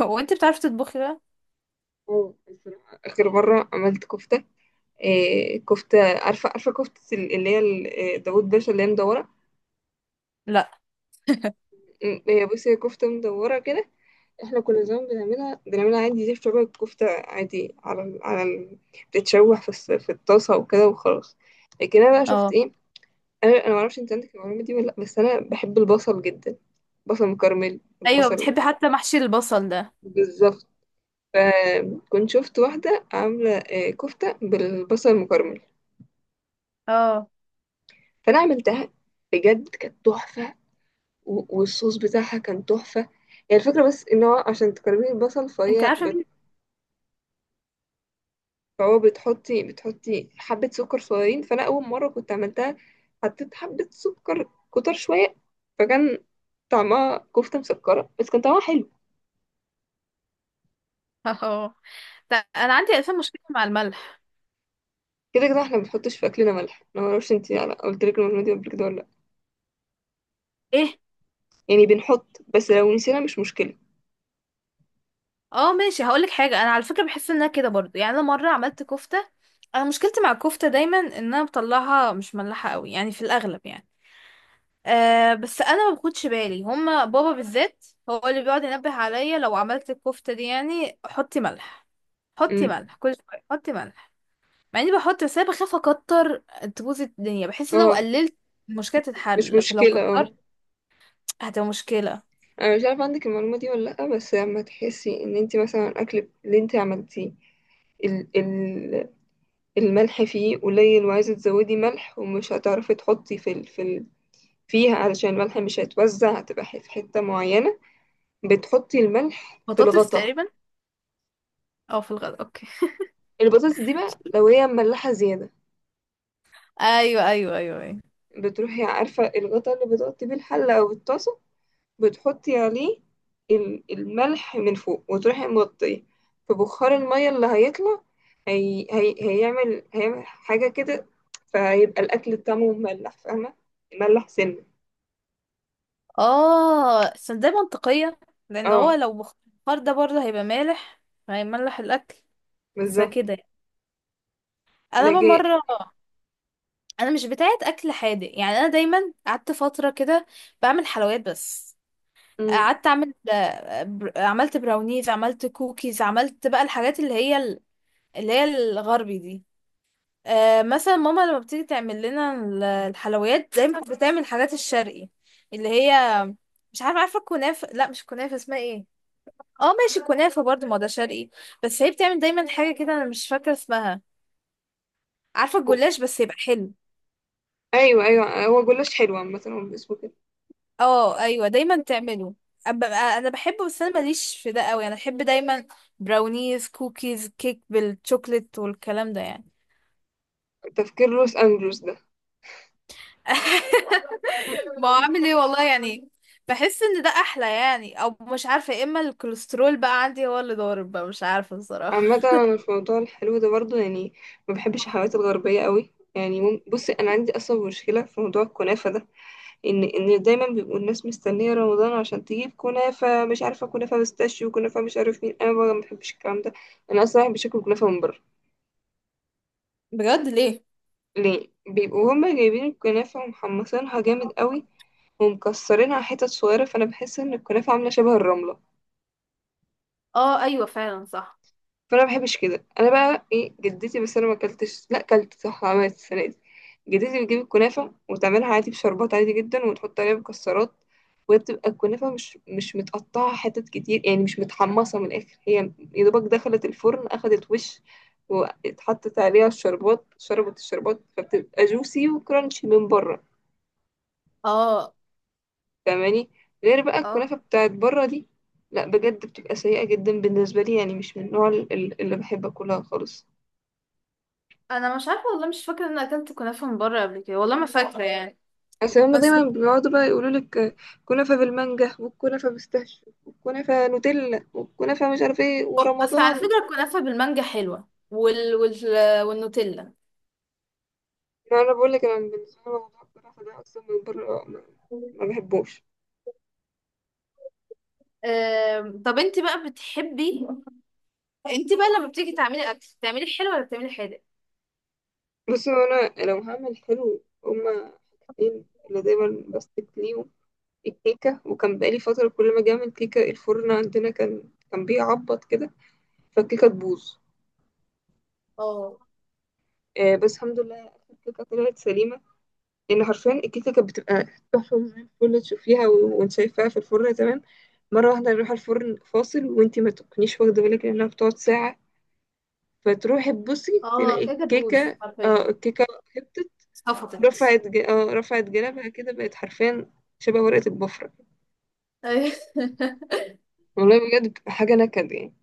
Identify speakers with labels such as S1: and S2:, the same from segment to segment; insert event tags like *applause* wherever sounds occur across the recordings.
S1: هو انت بتعرفي تطبخي بقى؟
S2: اه، الصراحة آخر مرة عملت كفتة. إيه كفتة، عارفة كفتة اللي هي ال- إيه، داوود باشا اللي هي مدورة.
S1: لا.
S2: هي بصي، هي كفتة مدورة كده. احنا كنا زمان بنعملها عادي، زي شبه الكفتة، عادي بتتشوح في الطاسة وكده وخلاص. لكن انا بقى شفت
S1: اه.
S2: ايه. انا معرفش انت عندك المعلومة دي ولا لا، بس انا بحب البصل جدا. بصل مكرمل
S1: ايوه
S2: البصل.
S1: بتحبي حتى محشي البصل ده؟
S2: بالظبط. فكنت شفت واحدة عاملة كفتة بالبصل المكرمل.
S1: اه.
S2: فانا عملتها، بجد كانت تحفه. والصوص بتاعها كان تحفه. هي الفكره بس ان هو عشان تكرمي البصل،
S1: انت عارفه مين؟
S2: فهو بتحطي حبه سكر صغيرين. فانا اول مره كنت عملتها، حطيت حبه سكر كتر شويه، فكان طعمها كفته مسكره، بس كان طعمها حلو.
S1: *laughs* اه، ده انا عندي الفان مشكله مع الملح.
S2: كده كده احنا ما بنحطش في اكلنا ملح. انا ما اعرفش انت قلت لك المعلومه دي قبل كده ولا لا.
S1: ايه؟
S2: يعني بنحط، بس لو نسينا مش مشكله.
S1: اه ماشي، هقولك حاجه، انا على فكره بحس انها كده برضو يعني. انا مره عملت كفته. انا مشكلتي مع الكفته دايما ان انا بطلعها مش ملحه قوي يعني، في الاغلب يعني. بس انا ما باخدش بالي. هما بابا بالذات هو اللي بيقعد ينبه عليا لو عملت الكفته دي يعني حطي ملح، حطي
S2: امم.
S1: ملح كل شويه، حطي ملح. مع اني بحط، بس انا بخاف اكتر تبوظ الدنيا. بحس لو
S2: اه،
S1: قللت المشكله
S2: مش
S1: تتحل، لكن لو
S2: مشكله، اه.
S1: كترت هتبقى مشكله.
S2: انا مش عارفه عندك المعلومه دي ولا لا، بس لما تحسي ان انت مثلا الاكل اللي انت عملتيه ال ال الملح فيه قليل، وعايزه تزودي ملح ومش هتعرفي تحطي في ال في ال فيها، علشان الملح مش هيتوزع، هتبقى في حته معينه. بتحطي الملح في
S1: بطاطس
S2: الغطا.
S1: تقريبا، او في الغد، اوكي.
S2: البطاطس دي بقى لو هي مملحه زياده،
S1: *laughs* ايوه، ايوه، ايوه، ايوه.
S2: بتروحي، عارفه الغطا اللي بتغطي بيه الحله او الطاسه، بتحطي عليه الملح من فوق وتروحي مغطيه. فبخار المية اللي هيطلع هي... هي... هيعمل هيعمل حاجة كده. فهيبقى الأكل طعمه مملح، فاهمة؟ مملح سنة.
S1: اه، بس ده منطقيه، لان هو
S2: اه،
S1: لو بخار ده برضه هيبقى مالح، هيملح الاكل. بس
S2: بالظبط.
S1: كده يعني. انا بقى
S2: لكن.
S1: مره، انا مش بتاعه اكل حادق يعني. انا دايما قعدت فتره كده بعمل حلويات بس.
S2: مم.
S1: قعدت اعمل عملت براونيز، عملت كوكيز، عملت بقى الحاجات اللي هي الغربي دي. مثلا ماما لما بتيجي تعمل لنا الحلويات زي ما بتعمل الحاجات الشرقي اللي هي، مش عارفه، عارفه الكنافه؟ لا مش كنافه، اسمها ايه؟ اه ماشي، الكنافه برضو ما ده شرقي. بس هي بتعمل دايما حاجه كده، انا مش فاكره اسمها. عارفه الجلاش بس يبقى حلو؟
S2: أيوه أيوه، هو جلاش حلو عامة، هو اسمه كده.
S1: اه ايوه، دايما تعمله. انا بحبه، بس انا ماليش في ده قوي. انا بحب دايما براونيز، كوكيز، كيك بالشوكليت والكلام ده يعني.
S2: تفكير لوس أنجلوس ده.
S1: *laughs* ما هو عامل ايه
S2: *laughs*
S1: والله يعني. بحس ان ده احلى يعني، او مش عارفه، يا اما الكوليسترول بقى عندي هو اللي ضارب بقى، مش عارفه بصراحه.
S2: عامة أنا في موضوع الحلو ده برضو يعني ما بحبش الحلويات الغربية قوي يعني. بصي، أنا عندي أصلا مشكلة في موضوع الكنافة ده، ان دايما بيبقوا الناس مستنيه رمضان عشان تجيب كنافه، مش عارفه كنافه بيستاشيو، وكنافه مش عارف مين. انا بقى ما بحبش الكلام ده. انا اصلا بحب اكل كنافه من بره.
S1: بجد؟ ليه؟
S2: ليه؟ بيبقوا هما جايبين الكنافه ومحمصينها جامد قوي، ومكسرينها حتت صغيره، فانا بحس ان الكنافه عامله شبه الرمله.
S1: اه ايوه، فعلا صح.
S2: فانا ما بحبش كده. انا بقى، ايه، جدتي، بس انا ما اكلتش، لا اكلت صح عملت السنه دي. جدتي بتجيب الكنافه وتعملها عادي بشربات عادي جدا، وتحط عليها مكسرات. وهي بتبقى الكنافه مش متقطعه حتت كتير، يعني مش متحمصه من الاخر. هي يا دوبك دخلت الفرن اخدت وش، واتحطت عليها الشربات، شربت الشربات، فبتبقى جوسي وكرانشي من بره.
S1: اه،
S2: فاهماني؟ غير بقى
S1: اه.
S2: الكنافه بتاعت بره دي، لا بجد بتبقى سيئه جدا بالنسبه لي، يعني مش من النوع اللي بحب اكلها خالص.
S1: انا مش عارفه والله، مش فاكره ان أنا اكلت كنافه من بره قبل كده، والله ما فاكره يعني.
S2: بس هما
S1: بس.
S2: دايما بيقعدوا بقى يقولوا لك كنافة بالمانجا، والكنافة بالستاش، والكنافة نوتيلا، والكنافة مش عارف ايه،
S1: بس على
S2: ورمضان.
S1: فكره، الكنافه بالمانجا حلوه والنوتيلا.
S2: يعني انا بقول لك انا بالنسبة لي موضوع الكنافة ده اصلا من بره ما بحبوش.
S1: طب انت بقى لما بتيجي تعملي اكل بتعملي حلو ولا بتعملي حادق؟
S2: بس هو انا لو هعمل حلو، هما حاجتين اللي دايما بستك ليهم: الكيكة. وكان بقالي فترة كل ما اجي اعمل كيكة، الفرن عندنا كان بيعبط كده، فالكيكة تبوظ.
S1: اه،
S2: بس الحمد لله آخر كيكة طلعت سليمة. لان حرفيا الكيكه كانت بتبقى تحفه زي الفل، تشوفيها وانت شايفاها في الفرن تمام، مره واحده نروح الفرن فاصل وانت ما تكونيش واخده بالك لانها بتقعد ساعه، فتروحي تبصي
S1: اه،
S2: تلاقي
S1: كده بوز
S2: الكيكه. اه،
S1: حرفيا.
S2: الكيكه هبطت.
S1: صفطت.
S2: رفعت ج... اه رفعت جنبها كده، بقت حرفيا شبه ورقه البفره.
S1: أيوة. *laughs*
S2: والله بجد بتبقى حاجه نكد يعني.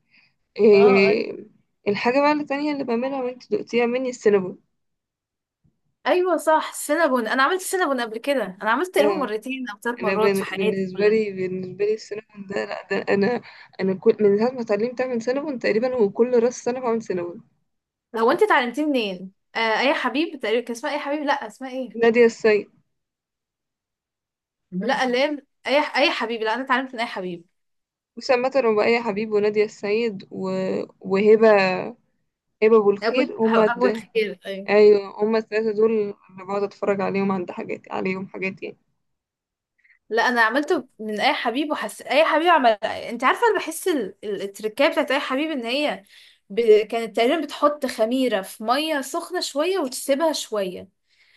S1: اه
S2: إيه... الحاجه بقى التانيه اللي بعملها وانت دقتيها مني السينابون.
S1: ايوه صح، السينابون. انا عملت السينابون قبل كده، انا عملت تقريبا
S2: آه،
S1: مرتين او ثلاث
S2: انا
S1: مرات في حياتي
S2: بالنسبه
S1: كلها.
S2: لي بالنسبه لي السينابون ده، لا ده انا انا كل من ساعه ما اتعلمت اعمل سينابون تقريبا، وكل راس سنه بعمل سينابون.
S1: هو انت اتعلمتيه منين؟ اي حبيب تقريبا، كان اسمها اي حبيب، لا اسمها ايه؟
S2: نادية السيد.
S1: لا اللي هي، اي. اي حبيب، لا انا اتعلمت من اي حبيب.
S2: وسام مطر، وبقية حبيب، ونادية السيد، وهبة، هبة أبو
S1: ابو
S2: الخير، هما
S1: ابو الخير ايوه.
S2: أيوة هما الثلاثة دول اللي بقعد أتفرج عليهم، عند حاجات عليهم حاجات يعني.
S1: لا انا عملته من اي حبيب، وحس اي حبيب عمل، انت عارفه انا بحس التركية بتاعت اي حبيب ان هي كانت تقريبا بتحط خميره في ميه سخنه شويه وتسيبها شويه.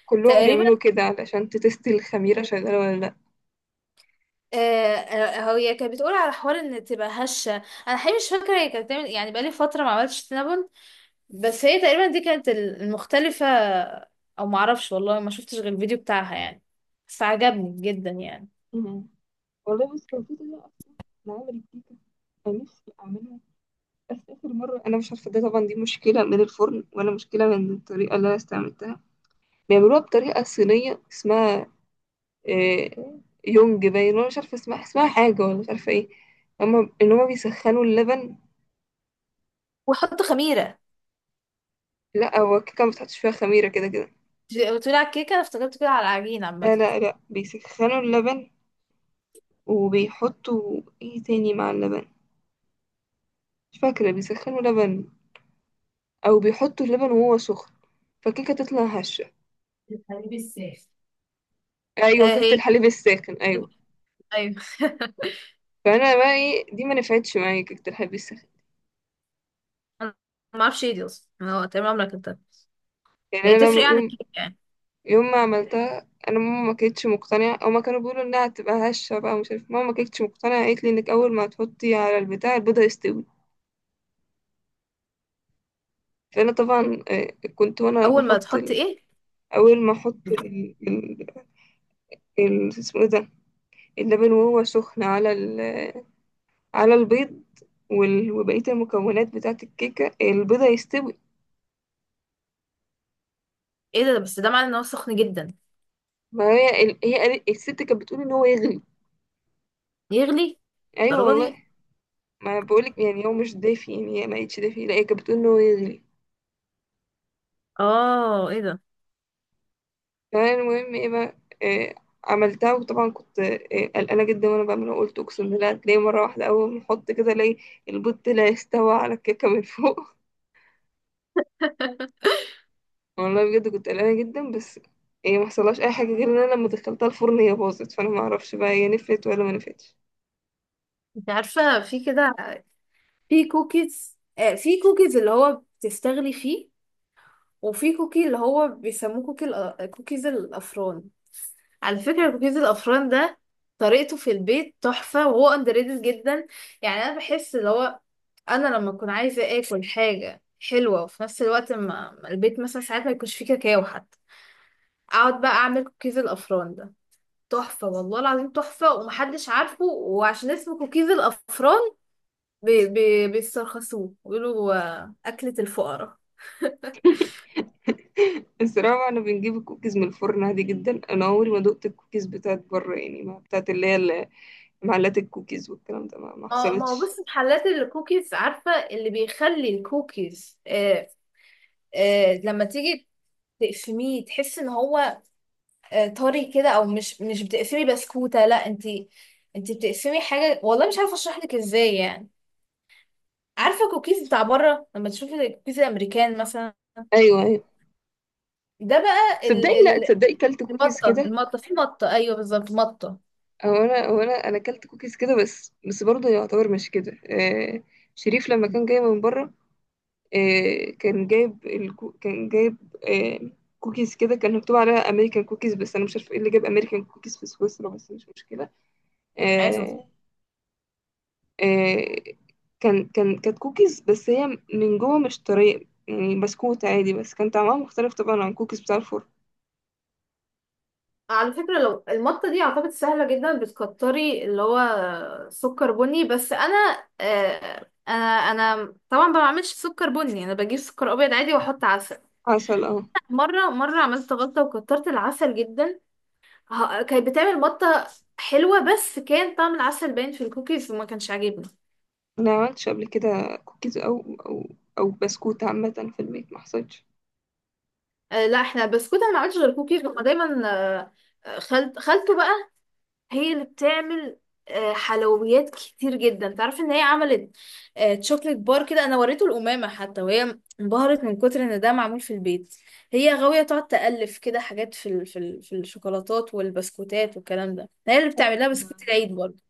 S2: كلهم
S1: تقريبا.
S2: بيعملوا كده علشان تتست الخميرة شغالة ولا لأ.
S1: هي كانت بتقول على حوار ان تبقى هشه. انا حقيقي مش فاكره هي كانت بتعمل يعني، بقالي فتره ما عملتش سينابون. بس هي تقريبا دي كانت المختلفه. او ما اعرفش والله، ما شفتش غير الفيديو بتاعها يعني. بس عجبني جدا يعني.
S2: مم. والله بس كان في طريقة أصلا لعمل الكيكة أنا نفسي أعملها، بس آخر مرة أنا مش عارفة، ده طبعا دي مشكلة من الفرن ولا مشكلة من الطريقة اللي أنا استعملتها. بيعملوها بطريقة صينية اسمها، آه، يونج باين، وأنا مش عارفة اسمها حاجة ولا مش عارفة ايه. هما بيسخنوا اللبن.
S1: وحط خميرة.
S2: لا، هو الكيكة ما بتحطش فيها خميرة كده كده.
S1: بتقولي على الكيكه؟ انا افتكرت كده على العجين عامه.
S2: لا لا لا، بيسخنوا اللبن وبيحطوا ايه تاني مع اللبن، مش فاكرة. بيسخنوا لبن أو بيحطوا اللبن وهو سخن، فالكيكة تطلع هشة.
S1: الحليب الساخن.
S2: أيوة، كيكة
S1: هي.
S2: الحليب الساخن، أيوة.
S1: ايوه. *laughs*
S2: فانا بقى ايه، دي ما نفعتش معايا كيكه الحليب الساخن.
S1: انا ما اعرفش ايه دي اصلا، انا تقريبا عمرك انت.
S2: يعني
S1: هي
S2: انا
S1: تفرق عن
S2: يوم
S1: الكيكه يعني؟
S2: يوم ما عملتها، انا ماما ما كانتش مقتنعه، او ما كانوا بيقولوا انها هتبقى هشه بقى، ومش عارف، ماما ما كانتش مقتنعه. قالت لي انك اول ما هتحطي على البتاع البيضه يستوي. فانا طبعا، كنت وانا
S1: اول ما
S2: بحط
S1: تحط ايه؟
S2: اول ما احط اسمه ايه ده، اللبن وهو سخن على البيض وبقيه المكونات بتاعه الكيكه، البيضه يستوي.
S1: ايه ده؟ بس ده معناه ان هو سخن جدا.
S2: ما هي الست كانت بتقول ان هو يغلي.
S1: يغلي؟
S2: ايوه
S1: الدرجه دي؟
S2: والله. ما بقولك، يعني هو مش دافي، يعني هي ما قالتش دافي، لا هي كانت بتقول ان هو يغلي.
S1: اه، ايه ده؟
S2: تمام. المهم ايه بقى، إيه عملتها، وطبعا كنت قلقانه جدا وانا بعملها، وقلت اقسم بالله هتلاقي مره واحده اول ما احط كده الاقي البوت لا يستوى على الكيكه من فوق.
S1: *laughs*
S2: *laughs* والله بجد كنت قلقانه جدا، بس ما حصلهاش اي حاجه، غير ان انا لما دخلتها الفرن هي باظت، فانا ما اعرفش بقى هي نفت ولا ما نفتش.
S1: انت عارفة في كده، في كوكيز، في كوكيز اللي هو بتستغلي فيه، وفي كوكي اللي هو بيسموه كوكي كوكيز الأفران. على فكرة كوكيز الأفران ده، طريقته في البيت تحفة، وهو اندر ريتد جدا. يعني أنا بحس اللي هو، أنا لما أكون عايزة آكل حاجة حلوة، وفي نفس الوقت ما البيت مثلا ساعات ما يكونش فيه كاكاو حتى، أقعد بقى أعمل كوكيز الأفران ده. تحفة، والله العظيم تحفة، ومحدش عارفه. وعشان اسمه كوكيز الأفران، بي بي بيسترخصوه بيقولوا أكلة الفقراء.
S2: *laughs* الصراحه انا بنجيب الكوكيز من الفرن عادي جدا، انا عمري ما دقت الكوكيز بتاعت بره، يعني ما بتاعت اللي هي معلات الكوكيز والكلام ده ما
S1: اه، ما هو
S2: حصلتش.
S1: بص، محلات الكوكيز عارفة اللي بيخلي الكوكيز لما تيجي تقسميه تحس ان هو طري كده، او مش بتقسمي بسكوتة، لا انتي، انتي بتقسمي حاجة، والله مش عارفة اشرح لك ازاي يعني. عارفة الكوكيز بتاع بره، لما تشوفي الكوكيز الامريكان مثلا،
S2: ايوه ايوه،
S1: ده بقى ال
S2: تصدقي لا
S1: ال
S2: تصدقي كلت كوكيز
S1: المطة،
S2: كده.
S1: المطة، في مطة، ايوه بالظبط مطة.
S2: هو انا اكلت كوكيز كده، بس برضه يعتبر مش كده. آه شريف لما كان جاي من بره، كان جايب آه كوكيز كده، كان مكتوب عليها امريكان كوكيز، بس انا مش عارفه ايه اللي جاب امريكان كوكيز في سويسرا، بس مش مشكله. آه آه كانت كوكيز، بس هي من جوه مش طريه، يعني بسكوت عادي، بس كان طعمها مختلف طبعا عن كوكيز بتاع الفرن.
S1: على فكرة، لو المطة دي اعتقد سهلة جدا، بتكتري اللي هو سكر بني، بس انا انا انا طبعا ما بعملش سكر بني، انا بجيب سكر ابيض عادي واحط عسل.
S2: عسل، اه.
S1: مرة عملت غلطة وكترت العسل جدا. كانت بتعمل مطة حلوة، بس كان طعم العسل باين في الكوكيز، وما كانش عاجبني.
S2: انا ما عملتش قبل كده كوكيز او بسكوت عامه في البيت، ما حصلش.
S1: لا احنا البسكوت، انا ما عملتش غير كوكيز. هما دايما خلطه بقى. هي اللي بتعمل حلويات كتير جدا، تعرف ان هي عملت تشوكلت بار كده، انا وريته الامامه حتى وهي انبهرت من كتر ان ده معمول في البيت. هي غاويه تقعد تالف كده حاجات في الشوكولاتات والبسكوتات والكلام ده. هي اللي
S2: حلو
S1: بتعمل لها
S2: جدا.
S1: بسكوت العيد برضه.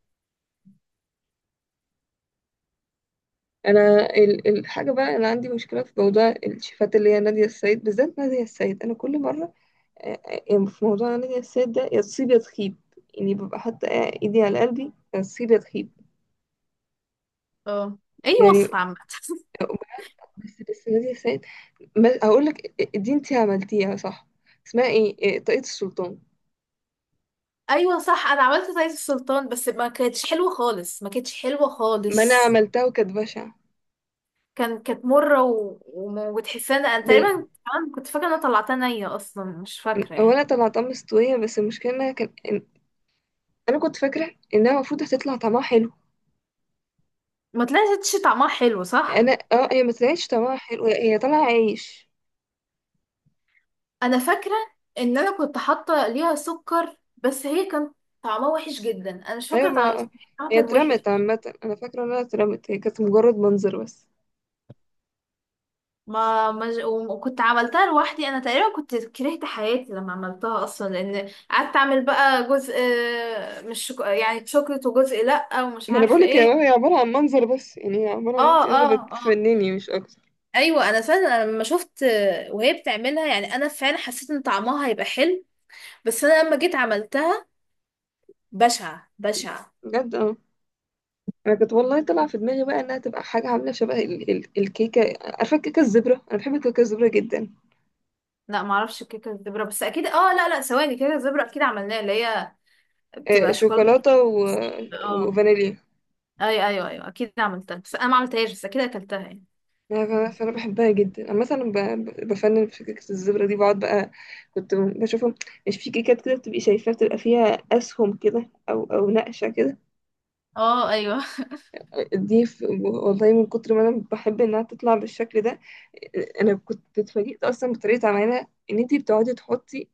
S2: انا الحاجه بقى، انا عندي مشكله في موضوع الشيفات، اللي هي ناديه السيد بالذات. ناديه السيد، انا كل مره، يعني في موضوع ناديه السيد ده يا تصيب يا تخيب. يعني ببقى حاطه ايدي على قلبي يا تصيب يا تخيب.
S1: اه، اي
S2: يعني
S1: وصفة عامة. *laughs*
S2: بس ناديه السيد، ما هقول لك دي انتي عملتيها صح، اسمها ايه، طاقية السلطان.
S1: ايوه صح، انا عملت زيت السلطان بس ما كانتش حلوه خالص، ما كانتش حلوه
S2: ما انا
S1: خالص.
S2: عملتها وكانت بشعه.
S1: كانت مره وتحسها انا
S2: لان
S1: تقريبا كمان كنت فاكره ان انا طلعتها نيه اصلا، مش فاكره يعني.
S2: اولا طلعتها مستويه، بس المشكله انها كان انا كنت فاكره انها المفروض هتطلع طعمها حلو.
S1: ما طلعتش طعمها حلو، صح.
S2: انا، هي ما طلعتش طعمها حلو، هي طالعه عيش.
S1: انا فاكره ان انا كنت حاطه ليها سكر، بس هي كان طعمها وحش جدا، انا مش
S2: ايوه،
S1: فاكره طعمها. بس
S2: ما
S1: طعمها
S2: هي
S1: كان
S2: اترمت
S1: وحش.
S2: عامه، انا فاكره انها اترمت، هي كانت مجرد منظر بس.
S1: ما ما ج- وكنت عملتها لوحدي، انا تقريبا كنت كرهت حياتي لما عملتها اصلا. لان قعدت اعمل بقى جزء مش يعني شوكليت وجزء لا ومش
S2: ما انا
S1: عارفه
S2: بقولك هي
S1: ايه.
S2: عباره عن منظر بس، يعني هي عباره
S1: اه،
S2: عن انت قاعده
S1: اه، اه.
S2: بتفنني مش اكتر.
S1: ايوه انا فعلا، أنا لما شفت وهي بتعملها يعني انا فعلا حسيت ان طعمها هيبقى حلو. بس انا لما جيت عملتها، بشعه بشعه.
S2: بجد، اه. انا كنت والله طالعه في دماغي بقى انها تبقى حاجه عامله شبه ال ال الكيكه، عارفه الكيكه الزبره، انا بحب الكيكه الزبره جدا.
S1: لا معرفش كيكه الزبره بس اكيد، اه، لا، لا، ثواني، كيكه الزبره اكيد عملناها اللي هي
S2: آه،
S1: بتبقى شوكولاته.
S2: شوكولاته
S1: اه،
S2: وفانيليا.
S1: اي، ايوه، ايوه اكيد عملتها، بس انا ما عملتهاش، بس اكيد اكلتها يعني.
S2: لا، فأنا بحبها جدا، انا مثلا بفنن في كيكه الزبره دي، بقعد بقى كنت بشوفهم، مش في كيكات كده بتبقي شايفاها بتبقى فيها اسهم كده او نقشه كده.
S1: اه ايوه.
S2: دي، والله من كتر ما انا بحب انها تطلع بالشكل ده، انا كنت اتفاجئت اصلا بطريقه عملها، ان انتي بتقعدي تحطي،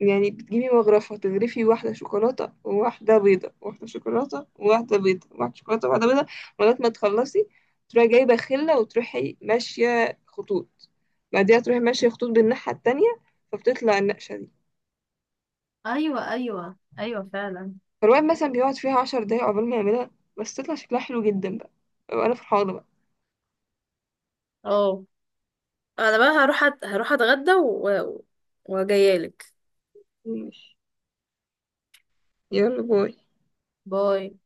S2: يعني بتجيبي مغرفة تغرفي واحدة شوكولاتة وواحدة بيضة، واحدة شوكولاتة وواحدة بيضة، واحدة شوكولاتة وواحدة بيضة، لغاية ما تخلصي، تروحي جايبة خلة وتروحي ماشية خطوط، بعديها تروحي ماشية خطوط بالناحية التانية، فبتطلع النقشة دي.
S1: *laughs* ايوه، ايوه، ايوه، فعلا.
S2: فالواحد مثلا بيقعد فيها 10 دقايق عقبال ما يعملها، بس تطلع شكلها حلو جدا بقى. أبقى أنا فرحانة بقى.
S1: اه، انا بقى هروح هروح اتغدى وجايالك.
S2: ماشي. يلا باي.
S1: باي.